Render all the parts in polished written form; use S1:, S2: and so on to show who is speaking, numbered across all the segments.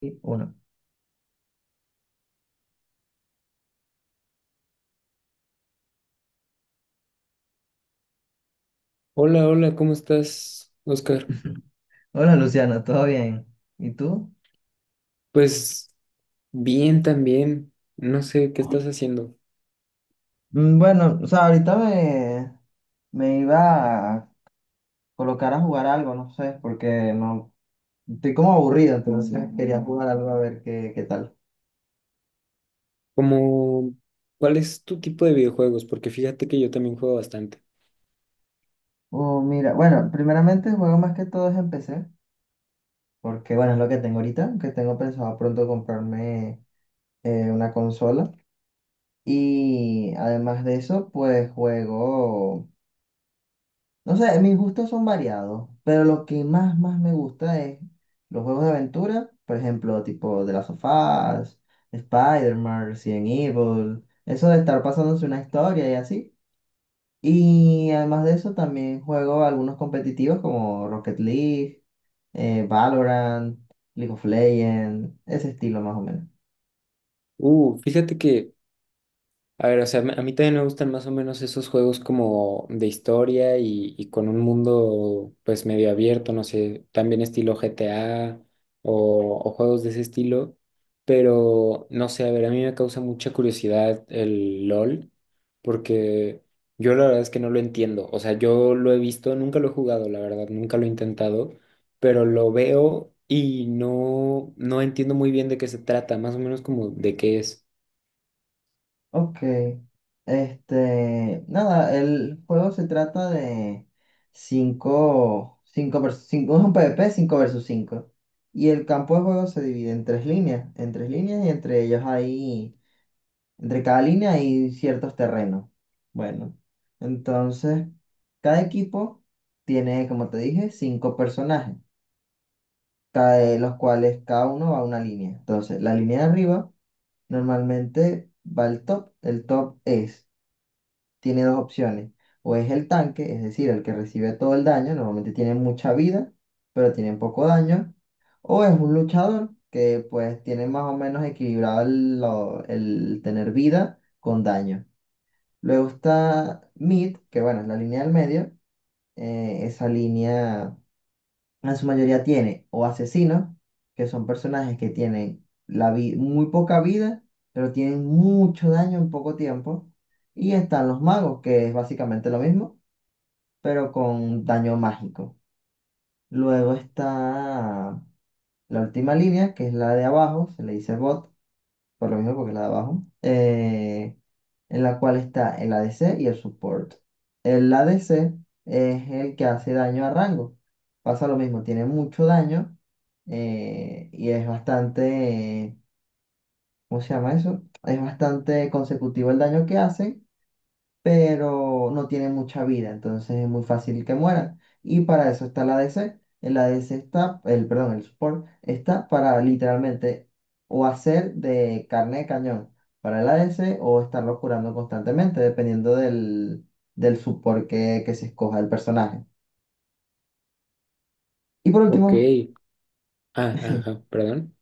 S1: Y Uno.
S2: Hola, hola, ¿cómo estás, Oscar?
S1: Hola Luciana, ¿todo bien? ¿Y tú?
S2: Pues bien también. No sé qué estás haciendo.
S1: Bueno, o sea, ahorita me iba a colocar a jugar algo, no sé, porque no estoy como aburrido, entonces quería jugar algo a ver qué tal.
S2: Como, ¿Cuál es tu tipo de videojuegos? Porque fíjate que yo también juego bastante.
S1: Oh, mira, bueno, primeramente juego más que todo es en PC, porque bueno, es lo que tengo ahorita, que tengo pensado pronto comprarme una consola. Y además de eso, pues juego. No sé, mis gustos son variados, pero lo que más me gusta es los juegos de aventura, por ejemplo, tipo The Last of Us, Spider-Man, Resident Evil, eso de estar pasándose una historia y así. Y además de eso, también juego algunos competitivos como Rocket League, Valorant, League of Legends, ese estilo más o menos.
S2: Fíjate que a ver, o sea, a mí también me gustan más o menos esos juegos como de historia y con un mundo pues medio abierto, no sé, también estilo GTA o juegos de ese estilo, pero no sé, a ver, a mí me causa mucha curiosidad el LOL porque yo la verdad es que no lo entiendo, o sea, yo lo he visto, nunca lo he jugado, la verdad, nunca lo he intentado, pero lo veo y no entiendo muy bien de qué se trata, más o menos como de qué es.
S1: Ok, este, nada, el juego se trata de cinco versus cinco, es un PvP 5 versus cinco. Y el campo de juego se divide en tres líneas, y entre ellos hay, entre cada línea hay ciertos terrenos. Bueno, entonces, cada equipo tiene, como te dije, cinco personajes, cada de los cuales cada uno va a una línea. Entonces, la línea de arriba normalmente va al top, el top es, tiene dos opciones. O es el tanque, es decir, el que recibe todo el daño, normalmente tiene mucha vida, pero tiene poco daño. O es un luchador que pues tiene más o menos equilibrado el tener vida con daño. Luego está Mid, que bueno, es la línea del medio. Esa línea en su mayoría tiene o asesinos, que son personajes que tienen muy poca vida, pero tienen mucho daño en poco tiempo. Y están los magos, que es básicamente lo mismo, pero con daño mágico. Luego está la última línea, que es la de abajo, se le dice bot, por lo mismo, porque es la de abajo. En la cual está el ADC y el support. El ADC es el que hace daño a rango. Pasa lo mismo, tiene mucho daño, y es bastante, eh, ¿cómo se llama eso? Es bastante consecutivo el daño que hace, pero no tiene mucha vida, entonces es muy fácil que mueran. Y para eso está el ADC. El support está para literalmente o hacer de carne de cañón para el ADC, o estarlo curando constantemente, dependiendo del support que se escoja el personaje. Y por
S2: Ok.
S1: último,
S2: Ah,
S1: sí,
S2: ajá, perdón.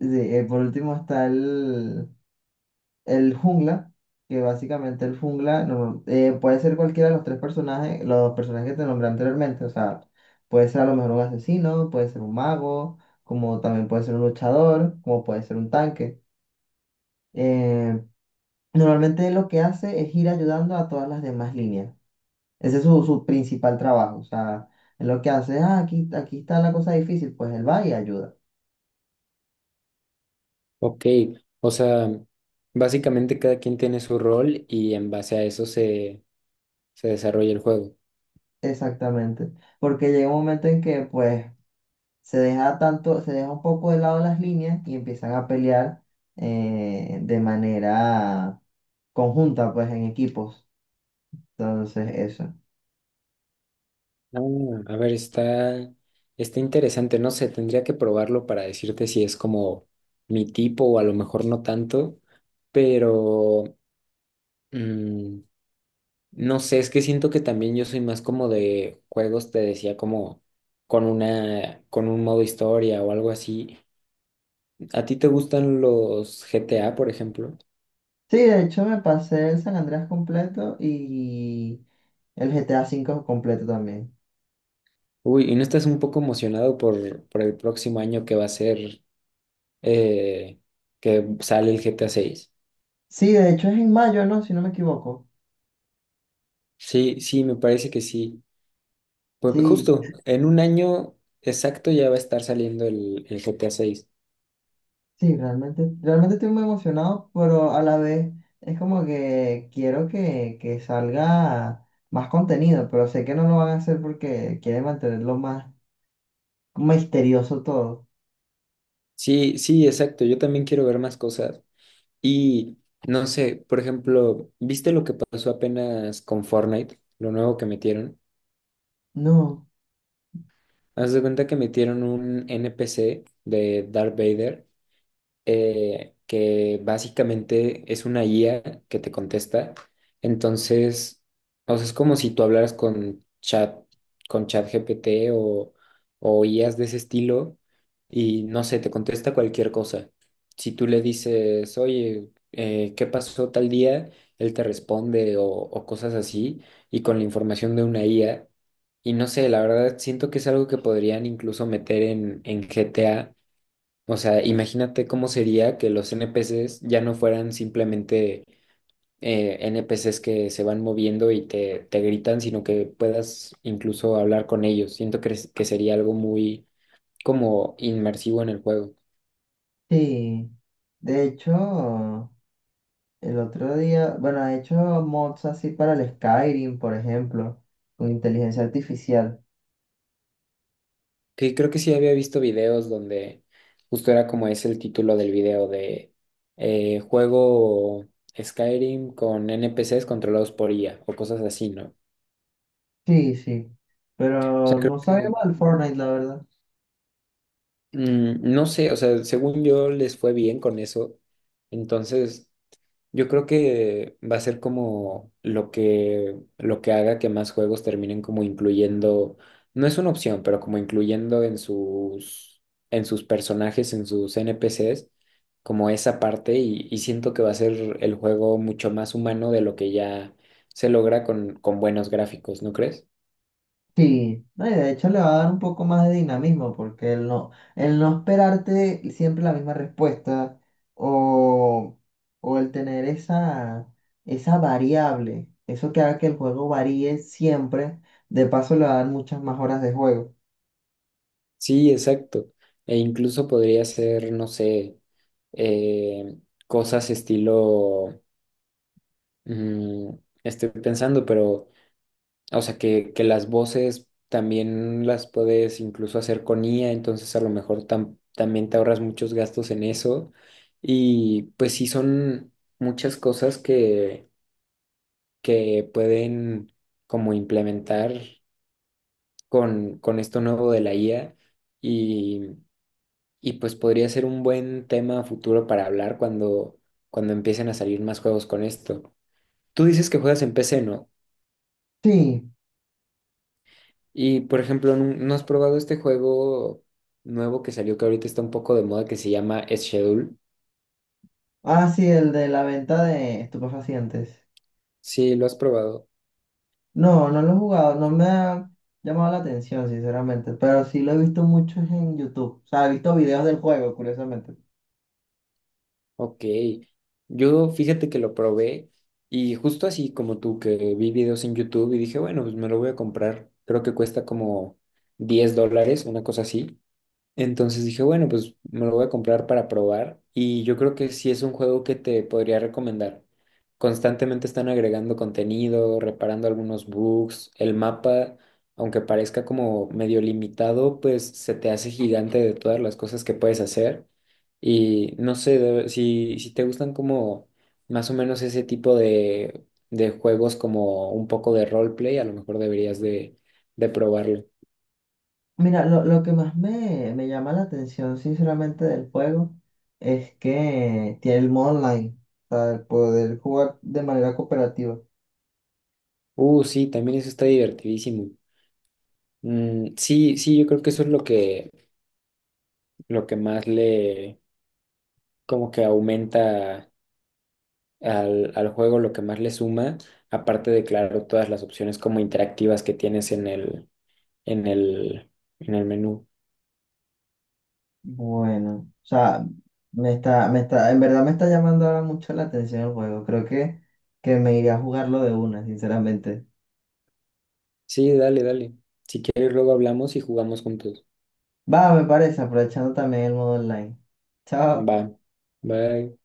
S1: por último está el jungla, que básicamente el jungla puede ser cualquiera de los tres personajes, los personajes que te nombré anteriormente. O sea, puede ser a lo mejor un asesino, puede ser un mago, como también puede ser un luchador, como puede ser un tanque. Eh, Normalmente lo que hace es ir ayudando a todas las demás líneas. Ese es su principal trabajo. O sea, es lo que hace, ah, aquí está la cosa difícil, pues él va y ayuda.
S2: Ok, o sea, básicamente cada quien tiene su rol y en base a eso se desarrolla el juego.
S1: Exactamente. Porque llega un momento en que, pues, se deja un poco de lado las líneas y empiezan a pelear de manera conjunta, pues en equipos. Entonces, eso.
S2: Ah, a ver, está interesante, no sé, tendría que probarlo para decirte si es como mi tipo o a lo mejor no tanto, pero mm, no sé, es que siento que también yo soy más como de juegos, te decía, como con con un modo historia o algo así. ¿A ti te gustan los GTA, por ejemplo?
S1: Sí, de hecho me pasé el San Andreas completo y el GTA 5 completo también.
S2: Uy, ¿y no estás un poco emocionado por el próximo año que va a ser eh, que sale el GTA 6?
S1: Sí, de hecho es en mayo, ¿no? Si no me equivoco.
S2: Sí, sí, me parece que sí. Pues
S1: Sí,
S2: justo, en un año exacto ya va a estar saliendo el GTA 6.
S1: sí, realmente estoy muy emocionado, pero a la vez es como que quiero que salga más contenido, pero sé que no lo van a hacer porque quieren mantenerlo más misterioso todo.
S2: Sí, sí, exacto. Yo también quiero ver más cosas. Y no sé, por ejemplo, ¿viste lo que pasó apenas con Fortnite? Lo nuevo que metieron.
S1: No,
S2: Haz de cuenta que metieron un NPC de Darth Vader que básicamente es una guía que te contesta. Entonces, o sea, es como si tú hablaras con chat, con ChatGPT o IAs de ese estilo y no sé, te contesta cualquier cosa. Si tú le dices, oye, ¿qué pasó tal día? Él te responde o cosas así y con la información de una IA. Y no sé, la verdad siento que es algo que podrían incluso meter en GTA, o sea, imagínate cómo sería que los NPCs ya no fueran simplemente NPCs que se van moviendo y te gritan, sino que puedas incluso hablar con ellos. Siento que sería algo muy como inmersivo en el juego.
S1: sí. De hecho, el otro día, bueno, he hecho mods así para el Skyrim, por ejemplo, con inteligencia artificial.
S2: Que creo que sí había visto videos donde justo era como es el título del video de juego Skyrim con NPCs controlados por IA o cosas así, ¿no? O
S1: Sí, sí. Pero
S2: sea, creo
S1: no sabía
S2: que
S1: mal Fortnite, la verdad.
S2: No sé, o sea, según yo les fue bien con eso. Entonces, yo creo que va a ser como lo que haga que más juegos terminen como incluyendo, no es una opción, pero como incluyendo en en sus personajes, en sus NPCs, como esa parte y siento que va a ser el juego mucho más humano de lo que ya se logra con buenos gráficos, ¿no crees?
S1: Sí, no, y de hecho le va a dar un poco más de dinamismo porque el no esperarte siempre la misma respuesta, o, o el tener esa variable, eso que haga que el juego varíe siempre, de paso le va a dar muchas más horas de juego.
S2: Sí, exacto. E incluso podría ser, no sé, eh, cosas estilo, mm, estoy pensando, pero, o sea, que las voces también las puedes incluso hacer con IA, entonces a lo mejor también te ahorras muchos gastos en eso. Y pues sí, son muchas cosas que pueden como implementar con esto nuevo de la IA. Y pues podría ser un buen tema futuro para hablar cuando, cuando empiecen a salir más juegos con esto. Tú dices que juegas en PC, ¿no?
S1: Sí,
S2: Y por ejemplo, no has probado este juego nuevo que salió que ahorita está un poco de moda que se llama Schedule?
S1: ah, sí, el de la venta de estupefacientes.
S2: Sí, lo has probado.
S1: No, no lo he jugado, no me ha llamado la atención, sinceramente, pero sí lo he visto mucho en YouTube, o sea, he visto videos del juego, curiosamente.
S2: Ok. Yo fíjate que lo probé y justo así como tú que vi videos en YouTube y dije, bueno, pues me lo voy a comprar. Creo que cuesta como $10, una cosa así. Entonces dije, bueno, pues me lo voy a comprar para probar y yo creo que sí es un juego que te podría recomendar. Constantemente están agregando contenido, reparando algunos bugs, el mapa, aunque parezca como medio limitado, pues se te hace gigante de todas las cosas que puedes hacer. Y no sé, de- si te gustan como más o menos ese tipo de juegos como un poco de roleplay, a lo mejor deberías de probarlo.
S1: Mira, lo que más me llama la atención, sinceramente, del juego es que tiene el modo online para poder jugar de manera cooperativa.
S2: Sí, también eso está divertidísimo. Mm, sí, sí, yo creo que eso es lo lo que más le, como que aumenta al juego, lo que más le suma, aparte de, claro, todas las opciones como interactivas que tienes en el, en el menú.
S1: Bueno, o sea, en verdad me está llamando ahora mucho la atención el juego. Creo que me iré a jugarlo de una, sinceramente.
S2: Sí, dale, dale. Si quieres, luego hablamos y jugamos juntos.
S1: Va, me parece, aprovechando también el modo online.
S2: Va,
S1: Chao.
S2: bye.